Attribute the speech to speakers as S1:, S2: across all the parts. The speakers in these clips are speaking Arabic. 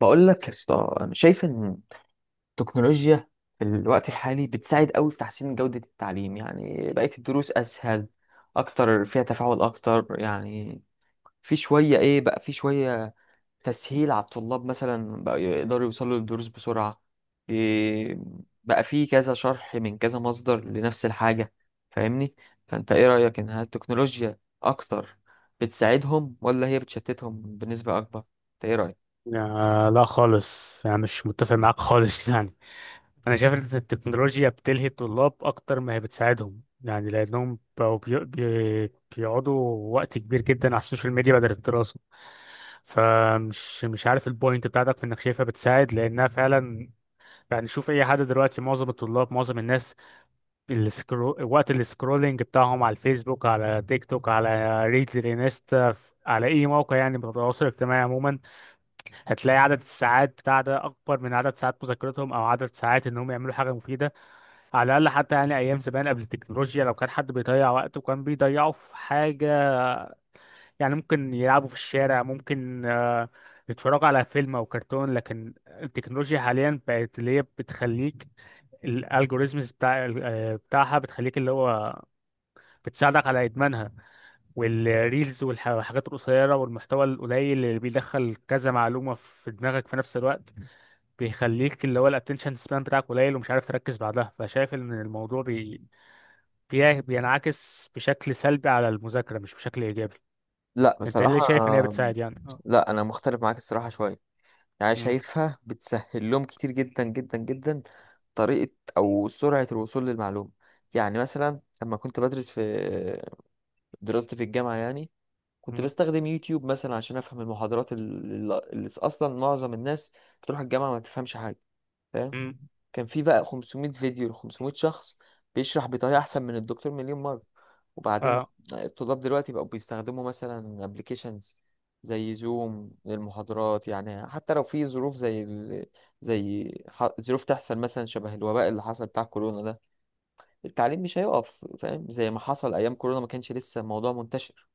S1: بقول لك يا اسطى، انا شايف ان التكنولوجيا في الوقت الحالي بتساعد قوي في تحسين جودة التعليم، يعني بقت الدروس اسهل اكتر فيها تفاعل اكتر. يعني في شوية تسهيل على الطلاب، مثلا بقى يقدروا يوصلوا للدروس بسرعة. إيه بقى، في كذا شرح من كذا مصدر لنفس الحاجة، فاهمني؟ فانت ايه رأيك، انها التكنولوجيا اكتر بتساعدهم ولا هي بتشتتهم بنسبة اكبر؟ انت ايه رأيك؟
S2: آه، لا خالص يعني مش متفق معاك خالص يعني انا شايف ان التكنولوجيا بتلهي الطلاب اكتر ما هي بتساعدهم يعني، لانهم بقوا بيقعدوا وقت كبير جدا على السوشيال ميديا بدل الدراسه. فمش مش عارف البوينت بتاعتك في انك شايفها بتساعد، لانها فعلا يعني. شوف اي حد دلوقتي، معظم الطلاب معظم الناس، وقت السكرولينج بتاعهم على الفيسبوك، على تيك توك، على ريلز الانستا، على اي موقع يعني من التواصل الاجتماعي عموما، هتلاقي عدد الساعات بتاع ده اكبر من عدد ساعات مذاكرتهم او عدد ساعات انهم يعملوا حاجه مفيده. على الاقل حتى يعني ايام زمان قبل التكنولوجيا، لو كان حد بيضيع وقته كان بيضيعه في حاجه، يعني ممكن يلعبوا في الشارع، ممكن يتفرجوا على فيلم او كرتون. لكن التكنولوجيا حاليا بقت اللي هي بتخليك، الالجوريزمز بتاع بتاعها بتخليك اللي هو بتساعدك على ادمانها. والحاجات القصيره والمحتوى القليل اللي بيدخل كذا معلومه في دماغك في نفس الوقت، بيخليك اللي هو الاتنشن سبان بتاعك قليل ومش عارف تركز بعدها. فشايف ان الموضوع بينعكس بشكل سلبي على المذاكرة، مش بشكل ايجابي.
S1: لا
S2: انت
S1: بصراحة،
S2: ليه شايف ان هي بتساعد يعني؟ اه.
S1: لا انا مختلف معاك الصراحه شويه، يعني
S2: مم.
S1: شايفها بتسهل لهم كتير جدا جدا جدا طريقه او سرعه الوصول للمعلومه. يعني مثلا لما كنت بدرس في دراستي في الجامعه، يعني كنت
S2: مم.
S1: بستخدم يوتيوب مثلا عشان افهم المحاضرات اللي اصلا معظم الناس بتروح الجامعه ما تفهمش حاجه، فاهم.
S2: مم.
S1: كان في بقى 500 فيديو ل 500 شخص بيشرح بطريقة أحسن من الدكتور مليون مرة. وبعدين
S2: اه.
S1: الطلاب دلوقتي بقوا بيستخدموا مثلا ابلكيشنز زي زوم للمحاضرات، يعني حتى لو في ظروف زي ال... زي ح- ظروف تحصل مثلا شبه الوباء اللي حصل بتاع كورونا ده، التعليم مش هيقف، فاهم، زي ما حصل أيام كورونا ما كانش لسه الموضوع منتشر.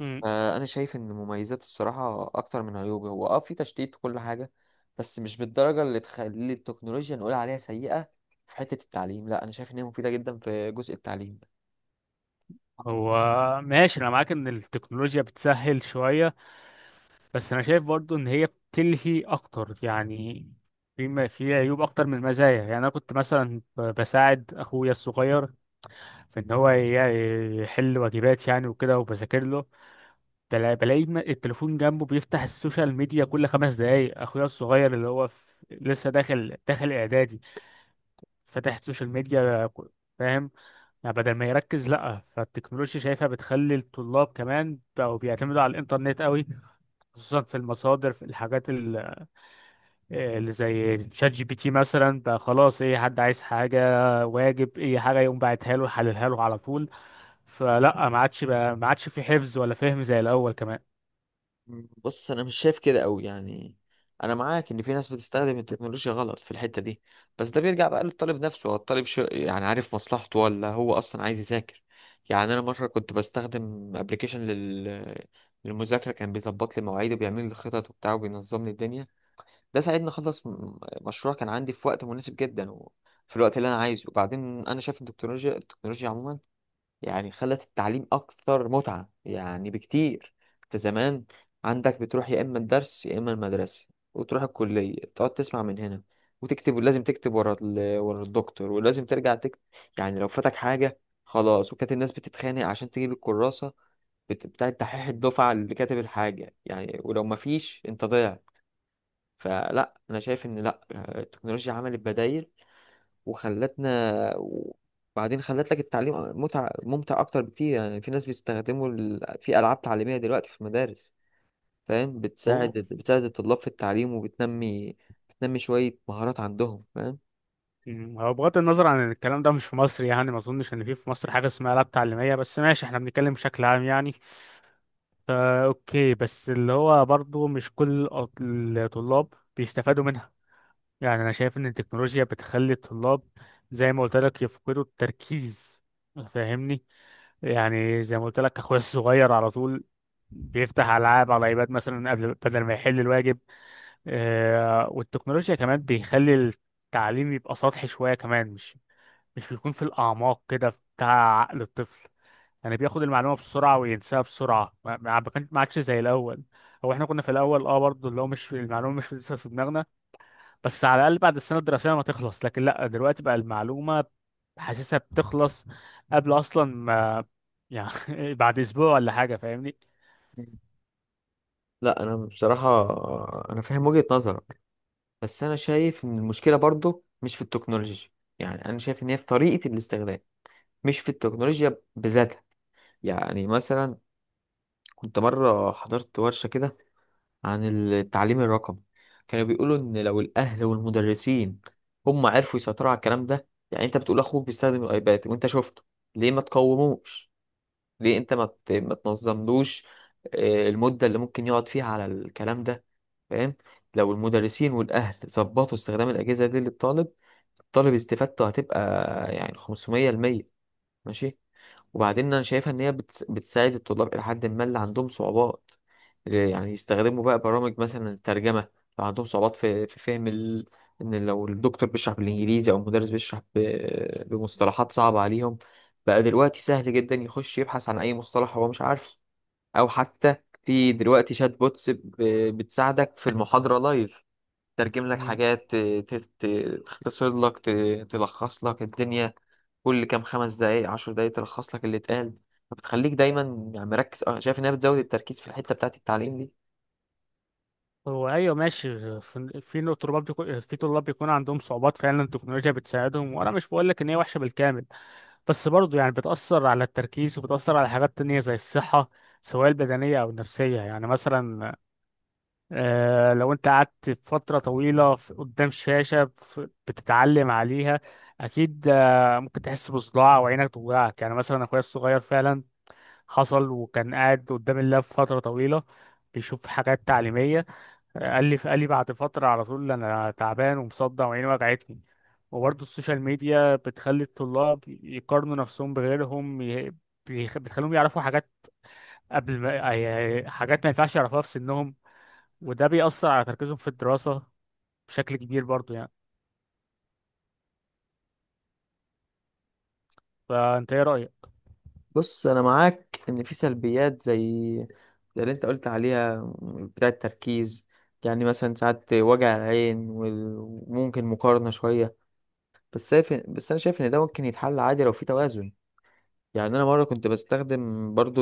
S2: مم.
S1: فانا شايف ان مميزاته الصراحه اكتر من عيوبه، هو في تشتيت وكل حاجه بس مش بالدرجه اللي تخلي التكنولوجيا نقول عليها سيئه في حته التعليم. لا انا شايف ان هي مفيده جدا في جزء التعليم.
S2: هو ماشي، انا معاك ان التكنولوجيا بتسهل شوية، بس انا شايف برضو ان هي بتلهي اكتر يعني. في عيوب اكتر من المزايا. يعني انا كنت مثلا بساعد اخويا الصغير في ان هو يحل واجبات يعني وكده، وبذاكر له، بلاقي التليفون جنبه بيفتح السوشيال ميديا كل 5 دقايق. اخويا الصغير اللي هو في لسه داخل اعدادي فاتح السوشيال ميديا فاهم؟ يعني بدل ما يركز. لا، فالتكنولوجيا شايفها بتخلي الطلاب كمان بقوا بيعتمدوا على الانترنت قوي، خصوصا في المصادر، في الحاجات اللي زي شات جي بي تي مثلا. بقى خلاص اي حد عايز حاجة، واجب، اي حاجة، يقوم باعتها له يحللها له على طول. فلا، ما عادش بقى، ما عادش في حفظ ولا فهم زي الاول كمان.
S1: مم. بص انا مش شايف كده قوي، يعني انا معاك ان في ناس بتستخدم التكنولوجيا غلط في الحته دي، بس ده بيرجع بقى للطالب نفسه، هو الطالب شو يعني عارف مصلحته ولا هو اصلا عايز يذاكر. يعني انا مره كنت بستخدم ابلكيشن للمذاكره، كان بيظبط لي مواعيدي وبيعمل لي خطط وبتاع وبينظم لي الدنيا. ده ساعدني اخلص مشروع كان عندي في وقت مناسب جدا وفي الوقت اللي انا عايزه. وبعدين انا شايف ان التكنولوجيا عموما يعني خلت التعليم اكتر متعة يعني بكتير. انت زمان عندك بتروح يا اما الدرس يا اما المدرسة، وتروح الكلية تقعد تسمع من هنا وتكتب، ولازم تكتب ورا الدكتور، ولازم ترجع تكتب. يعني لو فاتك حاجة خلاص، وكانت الناس بتتخانق عشان تجيب الكراسة بتاعت دحيح الدفعة اللي كاتب الحاجة، يعني ولو مفيش انت ضيعت. فلا انا شايف ان لا، التكنولوجيا عملت بدائل وخلتنا، وبعدين خلت لك التعليم ممتع اكتر بكتير. يعني في ناس بيستخدموا في العاب تعليميه دلوقتي في المدارس، فاهم، بتساعد الطلاب في التعليم وبتنمي شويه مهارات عندهم، فاهم.
S2: مم، هو بغض النظر عن إن الكلام ده مش في مصر، يعني ما اظنش ان في مصر حاجه اسمها لاب تعليميه، بس ماشي احنا بنتكلم بشكل عام يعني. فا اوكي، بس اللي هو برضو مش كل الطلاب بيستفادوا منها. يعني انا شايف ان التكنولوجيا بتخلي الطلاب، زي ما قلت لك، يفقدوا التركيز. فاهمني؟ يعني زي ما قلت لك اخويا الصغير على طول بيفتح العاب على ايباد مثلا، قبل بدل ما يحل الواجب. والتكنولوجيا كمان بيخلي التعليم يبقى سطحي شويه كمان، مش بيكون في الأعماق كده بتاع عقل الطفل. يعني بياخد المعلومة بسرعة وينساها بسرعة، ما عادش زي الأول. هو احنا كنا في الأول برضه اللي هو مش في المعلومة مش لسه في دماغنا، بس على الأقل بعد السنة الدراسية ما تخلص. لكن لأ، دلوقتي بقى المعلومة حاسسها بتخلص قبل أصلا ما، يعني بعد أسبوع ولا حاجة. فاهمني؟
S1: مم. لا انا بصراحه انا فاهم وجهه نظرك، بس انا شايف ان المشكله برضو مش في التكنولوجيا، يعني انا شايف ان هي في طريقه الاستخدام، مش في التكنولوجيا بذاتها. يعني مثلا كنت مرة حضرت ورشة كده عن التعليم الرقمي، كانوا بيقولوا إن لو الأهل والمدرسين هم عرفوا يسيطروا على الكلام ده. يعني أنت بتقول أخوك بيستخدم الأيباد وأنت شفته، ليه ما تقوموش؟ ليه أنت ما تنظملوش المدة اللي ممكن يقعد فيها على الكلام ده، فاهم؟ لو المدرسين والأهل ظبطوا استخدام الأجهزة دي للطالب، الطالب استفادته هتبقى يعني 500%. ماشي. وبعدين انا شايفها ان هي بتساعد الطلاب الى حد ما اللي عندهم صعوبات، يعني يستخدموا بقى برامج مثلا الترجمه لو عندهم صعوبات في فهم ان لو الدكتور بيشرح بالانجليزي او المدرس بيشرح بمصطلحات صعبه عليهم. بقى دلوقتي سهل جدا يخش يبحث عن اي مصطلح هو مش عارفه، او حتى في دلوقتي شات بوتس بتساعدك في المحاضره لايف، ترجم لك
S2: مم.
S1: حاجات تختصر لك، تلخص لك الدنيا. كل كام خمس دقايق عشر دقايق تلخص لك اللي اتقال، فبتخليك دايما يعني مركز. شايف انها بتزود التركيز في الحته بتاعت التعليم دي.
S2: هو أيوه ماشي، في طلاب بيكون عندهم صعوبات فعلا، التكنولوجيا بتساعدهم. وأنا مش بقول لك إن هي وحشة بالكامل، بس برضه يعني بتأثر على التركيز وبتأثر على حاجات تانية زي الصحة، سواء البدنية أو النفسية. يعني مثلا لو أنت قعدت فترة طويلة قدام شاشة بتتعلم عليها، أكيد ممكن تحس بصداع وعينك توجعك. يعني مثلا أخويا الصغير فعلا حصل، وكان قاعد قدام اللاب فترة طويلة بيشوف حاجات تعليمية، قال لي بعد فترة على طول: أنا تعبان ومصدع وعيني وجعتني. وبرضه السوشيال ميديا بتخلي الطلاب يقارنوا نفسهم بغيرهم، بتخليهم يعرفوا حاجات قبل ما، حاجات ما ينفعش يعرفوها في سنهم، وده بيأثر على تركيزهم في الدراسة بشكل كبير برضه يعني. فأنت إيه رأيك؟
S1: بص انا معاك ان في سلبيات زي اللي انت قلت عليها بتاع التركيز، يعني مثلا ساعات وجع العين وممكن مقارنة شوية. بس انا شايف ان ده ممكن يتحل عادي لو في توازن. يعني انا مرة كنت بستخدم برضو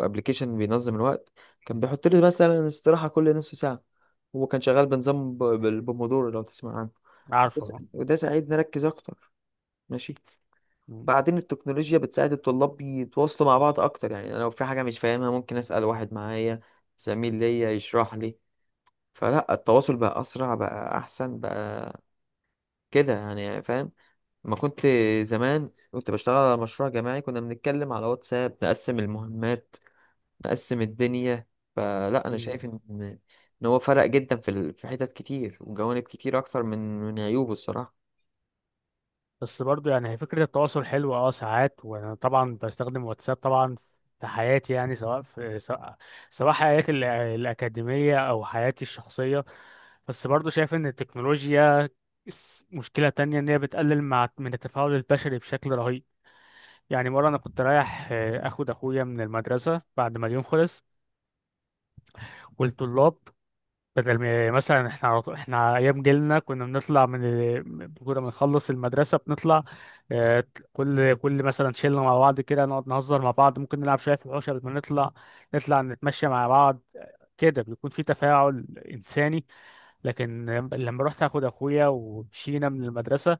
S1: ابلكيشن بينظم الوقت، كان بيحط لي مثلا استراحة كل نص ساعة، وهو كان شغال بنظام بالبومودورو لو تسمع عنه.
S2: عارفه.
S1: وده ساعدني اركز اكتر، ماشي. بعدين التكنولوجيا بتساعد الطلاب يتواصلوا مع بعض اكتر، يعني انا لو في حاجه مش فاهمها ممكن اسال واحد معايا، زميل ليا يشرح لي. فلا التواصل بقى اسرع، بقى احسن بقى كده يعني، فاهم. ما كنت زمان كنت بشتغل على مشروع جماعي، كنا بنتكلم على واتساب نقسم المهمات، نقسم الدنيا. فلا انا شايف ان هو فرق جدا في حتت كتير وجوانب كتير اكتر من عيوبه الصراحه.
S2: بس برضو يعني، هي فكرة التواصل حلوة اه ساعات، وانا طبعا بستخدم واتساب طبعا في حياتي، يعني سواء حياتي الأكاديمية أو حياتي الشخصية. بس برضو شايف إن التكنولوجيا، مشكلة تانية إن هي بتقلل مع من التفاعل البشري بشكل رهيب. يعني مرة أنا كنت رايح أخد أخويا من المدرسة بعد ما اليوم خلص، والطلاب، بدل ما مثلا احنا ايام جيلنا كنا بنخلص المدرسه بنطلع آه، كل مثلا شله مع بعض كده نقعد نهزر مع بعض، ممكن نلعب شويه في الحوش قبل ما نطلع، نطلع نتمشى مع بعض، كده بيكون في تفاعل انساني. لكن لما رحت اخد اخويا ومشينا من المدرسه،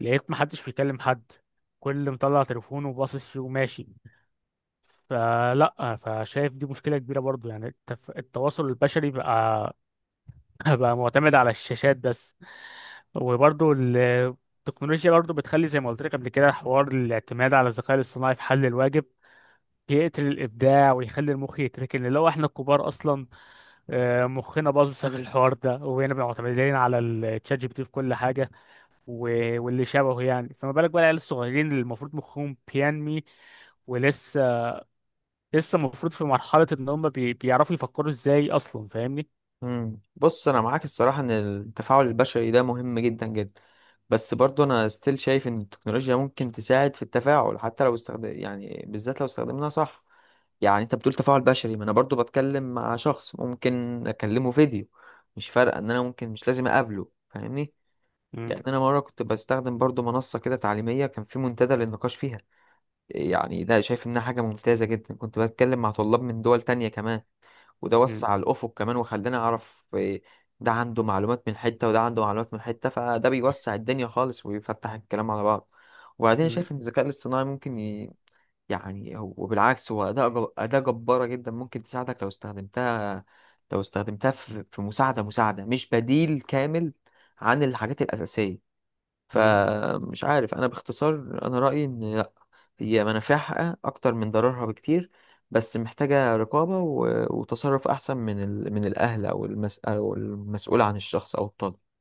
S2: لقيت محدش بيكلم حد، كل مطلع تليفونه وباصص فيه وماشي. فلا، فشايف دي مشكله كبيره برضو يعني. التواصل البشري بقى، بقى معتمد على الشاشات بس. وبرضو التكنولوجيا برضو بتخلي زي ما قلت لك قبل كده، حوار الاعتماد على الذكاء الاصطناعي في حل الواجب بيقتل الابداع ويخلي المخ يتركن. اللي هو احنا الكبار اصلا مخنا باظ بسبب الحوار ده، وهنا بنبقى معتمدين على الشات جي بي تي في كل حاجه واللي شبهه يعني. فما بالك بقى العيال الصغيرين اللي المفروض مخهم بينمي ولسه المفروض في مرحله ان هم بيعرفوا يفكروا ازاي اصلا. فاهمني؟
S1: مم. بص انا معاك الصراحه ان التفاعل البشري ده مهم جدا جدا، بس برضو انا ستيل شايف ان التكنولوجيا ممكن تساعد في التفاعل، حتى لو استخدم يعني، بالذات لو استخدمناها صح. يعني انت بتقول تفاعل بشري، ما انا برضو بتكلم مع شخص، ممكن اكلمه فيديو، مش فارقه ان انا ممكن مش لازم اقابله، فاهمني؟
S2: مم،
S1: يعني انا مره كنت بستخدم برضو منصه كده تعليميه، كان في منتدى للنقاش فيها. يعني ده شايف انها حاجه ممتازه جدا، كنت بتكلم مع طلاب من دول تانية كمان، وده وسع الأفق كمان وخلاني أعرف ده عنده معلومات من حتة وده عنده معلومات من حتة، فده بيوسع الدنيا خالص ويفتح الكلام على بعض. وبعدين أنا
S2: مم،
S1: شايف إن الذكاء الاصطناعي ممكن وبالعكس هو أداة جبارة جدا ممكن تساعدك لو استخدمتها في مساعدة، مش بديل كامل عن الحاجات الأساسية.
S2: مم،
S1: فمش عارف، أنا باختصار أنا رأيي إن لأ، هي منافعها أكتر من ضررها بكتير، بس محتاجة رقابة وتصرف أحسن من الأهل أو أو المسؤول عن الشخص أو الطالب.